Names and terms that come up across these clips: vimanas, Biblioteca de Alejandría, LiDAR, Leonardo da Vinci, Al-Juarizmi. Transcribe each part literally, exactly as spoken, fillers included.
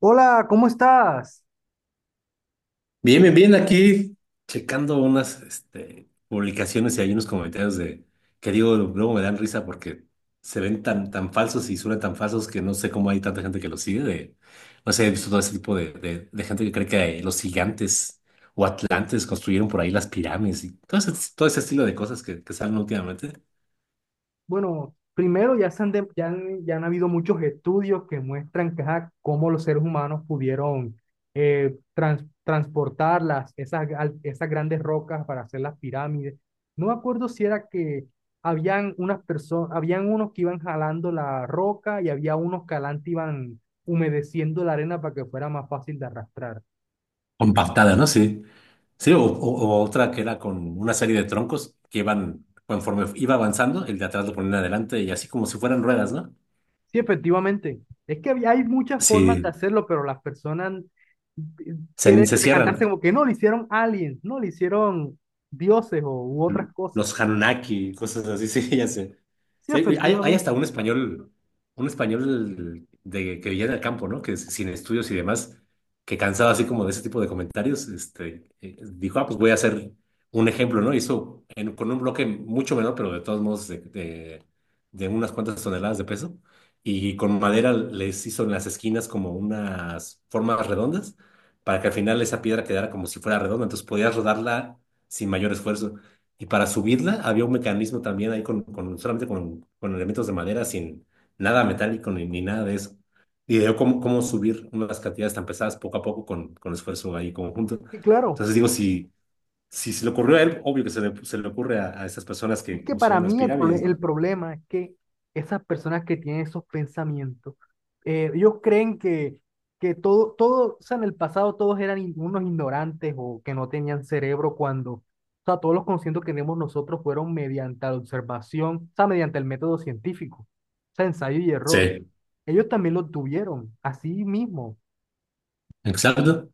Hola, ¿cómo estás? Bien, bien, bien, aquí checando unas este, publicaciones y hay unos comentarios de que digo, luego me dan risa porque se ven tan, tan falsos y suenan tan falsos que no sé cómo hay tanta gente que los sigue. De, no sé, he visto todo ese tipo de, de- de gente que cree que eh, los gigantes o atlantes construyeron por ahí las pirámides y todo ese, todo ese estilo de cosas que, que salen últimamente. Bueno, primero ya, se han de- ya, han, ya han habido muchos estudios que muestran que, ajá, cómo los seres humanos pudieron eh, trans- transportar las, esas, gal- esas grandes rocas para hacer las pirámides. No me acuerdo si era que habían unas personas, habían unos que iban jalando la roca y había unos que adelante iban humedeciendo la arena para que fuera más fácil de arrastrar. Compactada, ¿no? Sí. Sí, o, o- o otra que era con una serie de troncos que iban, conforme iba avanzando, el de atrás lo ponían adelante y así como si fueran ruedas, ¿no? Sí, efectivamente. Es que había- hay muchas formas de Sí, hacerlo, pero las personas eh, se, quieren se decantarse cierran. como que no, le hicieron aliens, no, le hicieron dioses o, u otras cosas. Los Anunnaki, cosas así, sí, ya sé. Sí, Sí, hay, hay hasta efectivamente. un español, un español de, que vivía en el campo, ¿no? Que es- sin estudios y demás, que cansado así como de ese tipo de comentarios, este, eh, dijo, ah, pues voy a hacer un ejemplo, ¿no? Hizo en- con un bloque mucho menor, pero de todos modos de, de, de unas cuantas toneladas de peso, y con madera les hizo en las esquinas como unas formas redondas, para que al final esa piedra quedara como si fuera redonda, entonces podías rodarla sin mayor esfuerzo. Y para subirla había un mecanismo también ahí con, con- solamente con, con elementos de madera, sin nada metálico ni, ni nada de eso. Y veo cómo, cómo subir unas cantidades tan pesadas poco a poco con, con esfuerzo ahí conjunto. Sí, claro. Entonces digo, si, si se le ocurrió a él, obvio que se le, se le ocurre a, a esas personas Es que que para construyeron las mí el, prole- pirámides, el ¿no? problema es que esas personas que tienen esos pensamientos, eh, ellos creen que, que todo, todo, o sea, en el pasado todos eran in- unos ignorantes o que no tenían cerebro cuando, o sea, todos los conocimientos que tenemos nosotros fueron mediante la observación, o sea, mediante el método científico, o sea, ensayo y error. Sí. Ellos también lo tuvieron, así mismo. Exacto,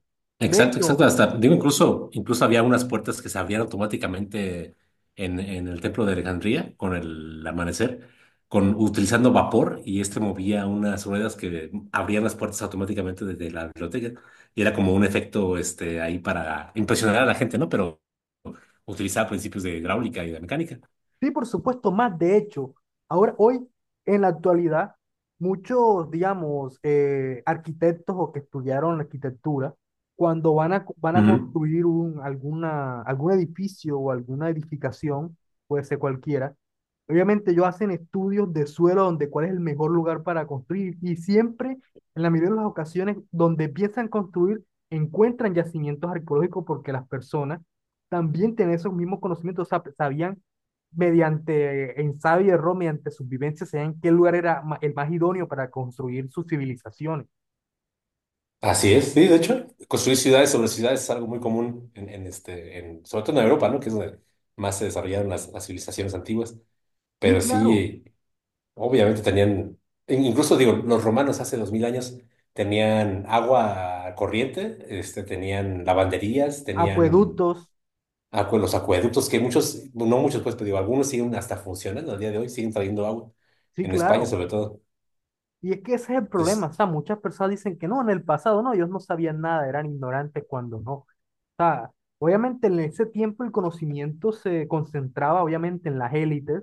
De exacto, exacto. hecho. Hasta, digo, incluso, incluso había unas puertas que se abrían automáticamente en, en el templo de Alejandría con el amanecer, con, utilizando vapor, y este movía unas ruedas que abrían las puertas automáticamente desde la biblioteca. Y era como un efecto este, ahí para impresionar a la gente, ¿no? Pero utilizaba principios de hidráulica y de mecánica. Sí, por supuesto, más de hecho. Ahora, hoy, en la actualidad, muchos, digamos, eh, arquitectos o que estudiaron arquitectura, cuando van a, van a Ujú. construir un, alguna, algún edificio o alguna edificación, puede ser cualquiera, obviamente ellos hacen estudios de suelo donde cuál es el mejor lugar para construir y siempre, en la mayoría de las ocasiones, donde empiezan a construir, encuentran yacimientos arqueológicos porque las personas también tienen esos mismos conocimientos, sab- sabían mediante ensayo y error, mediante sus vivencias, sabían en qué lugar era ma- el más idóneo para construir sus civilizaciones. Así es, sí, de hecho, construir ciudades sobre ciudades es algo muy común en, en este, en, sobre todo en Europa, ¿no? Que es donde más se desarrollaron las, las civilizaciones antiguas. Sí, Pero claro, sí, obviamente tenían, in- incluso digo, los romanos hace dos mil años tenían agua corriente, este, tenían lavanderías, tenían acueductos, acue- los acueductos, que muchos, no muchos, pues, pero digo, algunos siguen hasta funcionando al día de hoy, siguen trayendo agua, sí, en España claro. sobre todo. Y es que ese es el problema, Entonces, o sea, muchas personas dicen que no, en el pasado no, ellos no sabían nada, eran ignorantes cuando no. O sea, obviamente en ese tiempo el conocimiento se concentraba obviamente en las élites,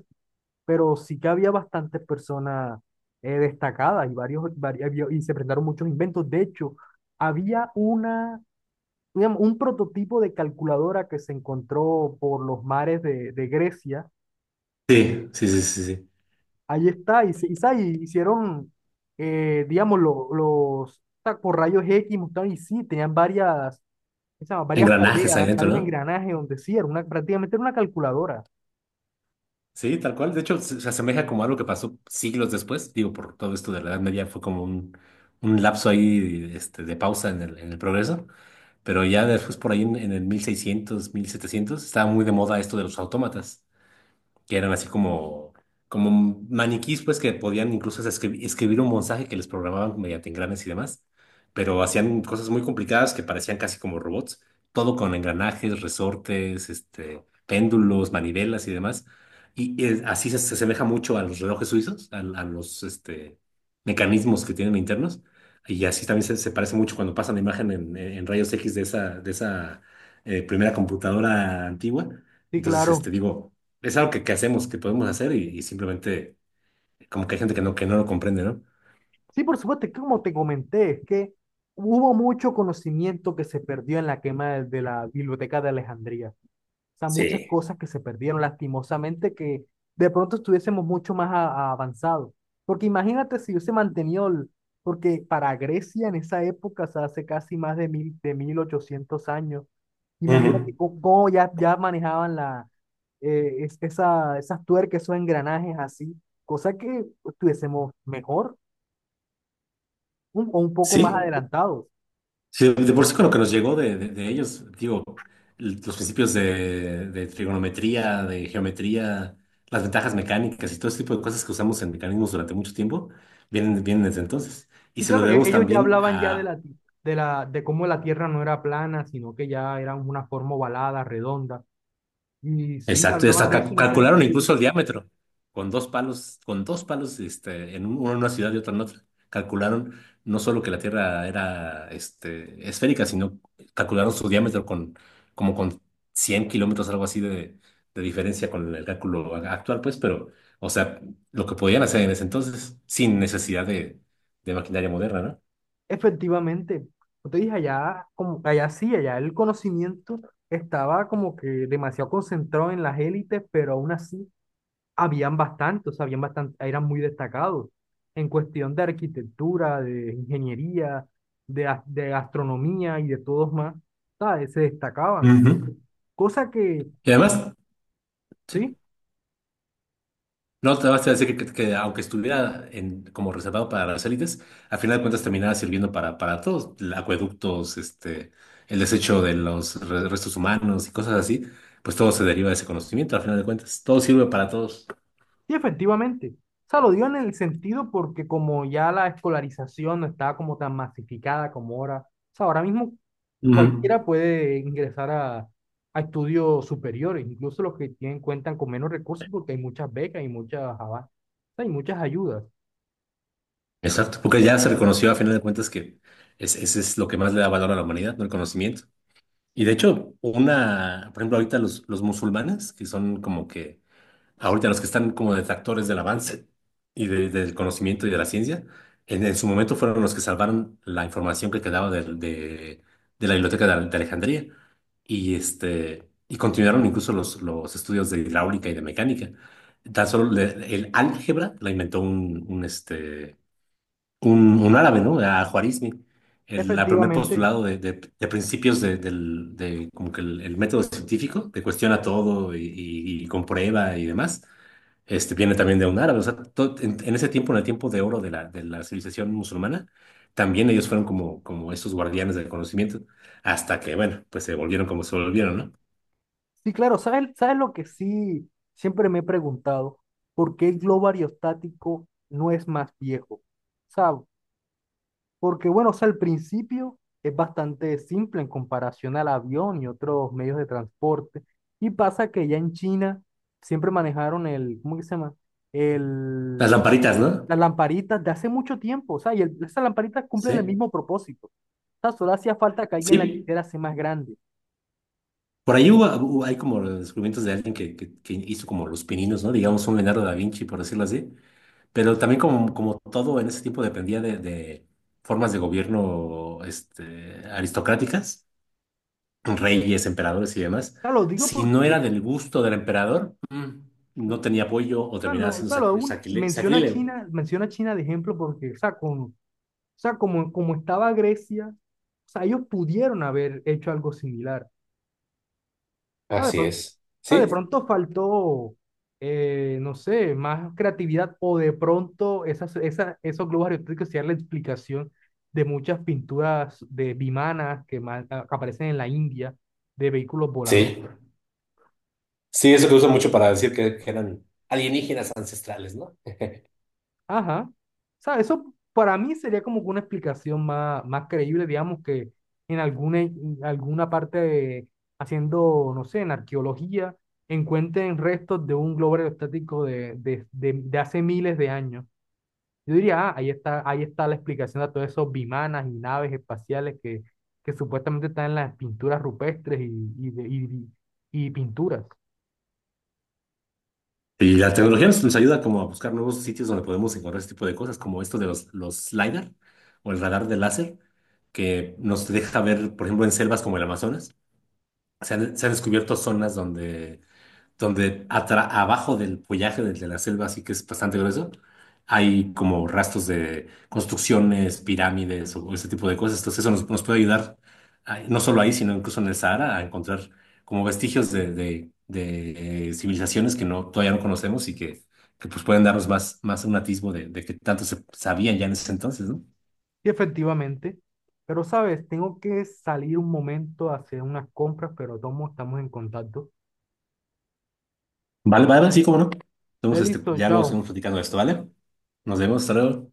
pero sí que había bastantes personas eh, destacadas y varios, vari- había- y se presentaron muchos inventos. De hecho, había una, digamos, un prototipo de calculadora que se encontró por los mares de, de Grecia. sí, sí, sí, sí, sí. Ahí está, y, se- y sa- y hicieron, eh, digamos, lo- los, ta- por rayos equis, mostraron, y sí, tenían varias, ¿qué se llama? Varias Engranajes ahí poleas, dentro, varios ¿no? engranajes donde sí, era una, prácticamente era una calculadora. Sí, tal cual. De hecho, se, se asemeja como algo que pasó siglos después. Digo, por todo esto de la Edad Media fue como un, un lapso ahí este, de pausa en el, en el progreso. Pero ya después, por ahí en, en el mil seiscientos, mil setecientos estaba muy de moda esto de los autómatas que eran así como, como maniquís, pues que podían incluso escri- escribir un mensaje que les programaban mediante engranes y demás, pero hacían cosas muy complicadas que parecían casi como robots, todo con engranajes, resortes, este, péndulos, manivelas y demás. Y, y así se, se asemeja mucho a los relojes suizos, a, a los este, mecanismos que tienen internos. Y así también se, se parece mucho cuando pasan la imagen en, en rayos X de esa, de esa eh, primera computadora antigua. Sí, Entonces, claro. este, digo, es algo que, que hacemos, que podemos hacer y, y simplemente como que hay gente que no, que no lo comprende, ¿no? Sí, por supuesto, es que como te comenté, es que hubo mucho conocimiento que se perdió en la quema de de la Biblioteca de Alejandría. O sea, muchas Sí. cosas que se perdieron, lastimosamente, que de pronto estuviésemos mucho más a- a avanzados. Porque imagínate si hubiese mantenido, el- porque para Grecia en esa época, o sea, hace casi más de mil, de mil ochocientos años, imagínate Ujú. cómo, cómo ya, ya manejaban la, eh, es- esa, esas tuercas, esos engranajes así, cosa que estuviésemos mejor un- o un poco más Sí, adelantados. sí, de por sí con lo que nos llegó de, de- de ellos, digo, l- los principios de, de trigonometría, de geometría, las ventajas mecánicas y todo ese tipo de cosas que usamos en mecanismos durante mucho tiempo, vienen, vienen desde entonces. Y Sí, se lo claro, e- debemos ellos ya también hablaban ya de a la, ti- de la, de cómo la Tierra no era plana, sino que ya era una forma ovalada, redonda. Y sí, ya exacto, y hablaban hasta de eso ca- en esa calcularon. época. Sí. Incluso el diámetro con dos palos, con dos palos, este, en un- uno en una ciudad y otro en otra. Calcularon no solo que la Tierra era, este, esférica, sino calcularon su diámetro con como con cien kilómetros, algo así de, de diferencia con el cálculo a- actual, pues. Pero, o sea, lo que podían hacer en ese entonces sin necesidad de, de maquinaria moderna, Efectivamente, como te dije, allá, como, allá sí, allá el conocimiento estaba como que demasiado concentrado en las élites, pero aún así habían bastante, o sea, habían bastante, eran muy destacados en cuestión de arquitectura, de ingeniería, de, as- de astronomía y de todos más, ¿sabes? Se ¿no? destacaban. Ujú. Cosa que... Y además, sí. Sí, No, te vas a decir que, que aunque estuviera en, como reservado para las élites, a final de cuentas terminaba sirviendo para, para todos, l- acueductos, este, el desecho de los re- restos humanos y cosas así, pues todo se deriva de ese conocimiento, a final de cuentas, todo sirve para todos. sí, efectivamente. O sea, lo digo en el sentido porque como ya la escolarización no estaba como tan masificada como ahora, o sea, ahora mismo Ujú. cualquiera puede ingresar a, a estudios superiores, incluso los que tienen cuentan con menos recursos porque hay muchas becas y muchas ava- o sea, hay muchas ayudas. Exacto, porque ya se reconoció a final de cuentas que es- ese es lo que más le da valor a la humanidad, ¿no? El conocimiento. Y de hecho, una, por ejemplo, ahorita los, los musulmanes, que son como que ahorita los que están como detractores del avance y de- del conocimiento y de la ciencia, en, en su momento fueron los que salvaron la información que quedaba del- de, de la biblioteca de, de Alejandría y, este, y continuaron incluso los, los estudios de hidráulica y de mecánica. Tan solo le- el álgebra la inventó un, un, este, un, un árabe, ¿no? Al-Juarizmi. El la primer Efectivamente. postulado de, de- de principios de, del- de como que el, el método científico, que cuestiona todo y, y y comprueba y demás este, viene también de un árabe, o sea, to- en, en ese tiempo, en el tiempo de oro de la, de la civilización musulmana, también ellos fueron como, como estos guardianes del conocimiento, hasta que, bueno, pues se volvieron como se volvieron, ¿no? Sí, claro, ¿sabes, sabes lo que sí siempre me he preguntado. ¿Por qué el globo aerostático no es más viejo? O sea, porque bueno, o sea, al principio es bastante simple en comparación al avión y otros medios de transporte. Y pasa que ya en China siempre manejaron el, ¿cómo que se llama? Las El, lamparitas, ¿no? las lamparitas de hace mucho tiempo. O sea, y el- esas lamparitas cumplen el Sí. mismo propósito. O sea, solo hacía falta que alguien la Sí, quisiera hacer más grande. O por ahí hubo, hubo- hay como descubrimientos de alguien que, que, que hizo como los pininos, ¿no? Digamos un Leonardo da Vinci, por decirlo así, pero también como, como todo en ese tiempo dependía de, de formas de gobierno, este, aristocráticas. Reyes, emperadores y demás, sea, lo digo si no era porque, del gusto del emperador, mm, no tenía apoyo o o sea, terminaba no, o siendo sea, lo sacri- aún sacrile- menciona a sacrílego. China, menciona a China de ejemplo porque, o sea, con, o sea, como, como estaba Grecia, o sea, ellos pudieron haber hecho algo similar. Sea, de Así pronto, es. o de Sí, pronto faltó, eh, no sé, más creatividad o de pronto esas, esas, esos globos aerostáticos sean la explicación de muchas pinturas de vimanas que, ma- a- que aparecen en la India de vehículos volados. sí. Sí, eso que uso mucho para decir que, que eran alienígenas ancestrales, ¿no? Ajá. O sea, eso para mí sería como que una explicación más, más creíble, digamos, que en alguna, en alguna parte de- haciendo, no sé, en arqueología, encuentren restos de un globo aerostático de, de de- de hace miles de años. Yo diría, ah, ahí está, ahí está la explicación de todos esos bimanas y naves espaciales que, que supuestamente están en las pinturas rupestres y, y, de- y- y pinturas. Y la tecnología nos, nos ayuda como a buscar nuevos sitios donde podemos encontrar este tipo de cosas, como esto de los, los LiDAR o el radar de láser, que nos deja ver, por ejemplo, en selvas como el Amazonas, se han, se han descubierto zonas donde donde atra- abajo del follaje del- de la selva, así que es bastante grueso, hay como rastros de construcciones, pirámides o ese tipo de cosas. Entonces eso nos, nos puede ayudar, ah, no solo ahí, sino incluso en el Sahara, a encontrar como vestigios de, de- de, eh, civilizaciones que no, todavía no conocemos y que, que, pues pueden darnos más, más un atisbo de, de qué tanto se sabían ya en ese entonces, ¿no? Y efectivamente, pero sabes, tengo que salir un momento a hacer unas compras, pero todos estamos en contacto. Vale, vale, sí, cómo no. Eh, Entonces, este, Listo, ya luego chao. seguimos platicando de esto, ¿vale? Nos vemos, hasta luego.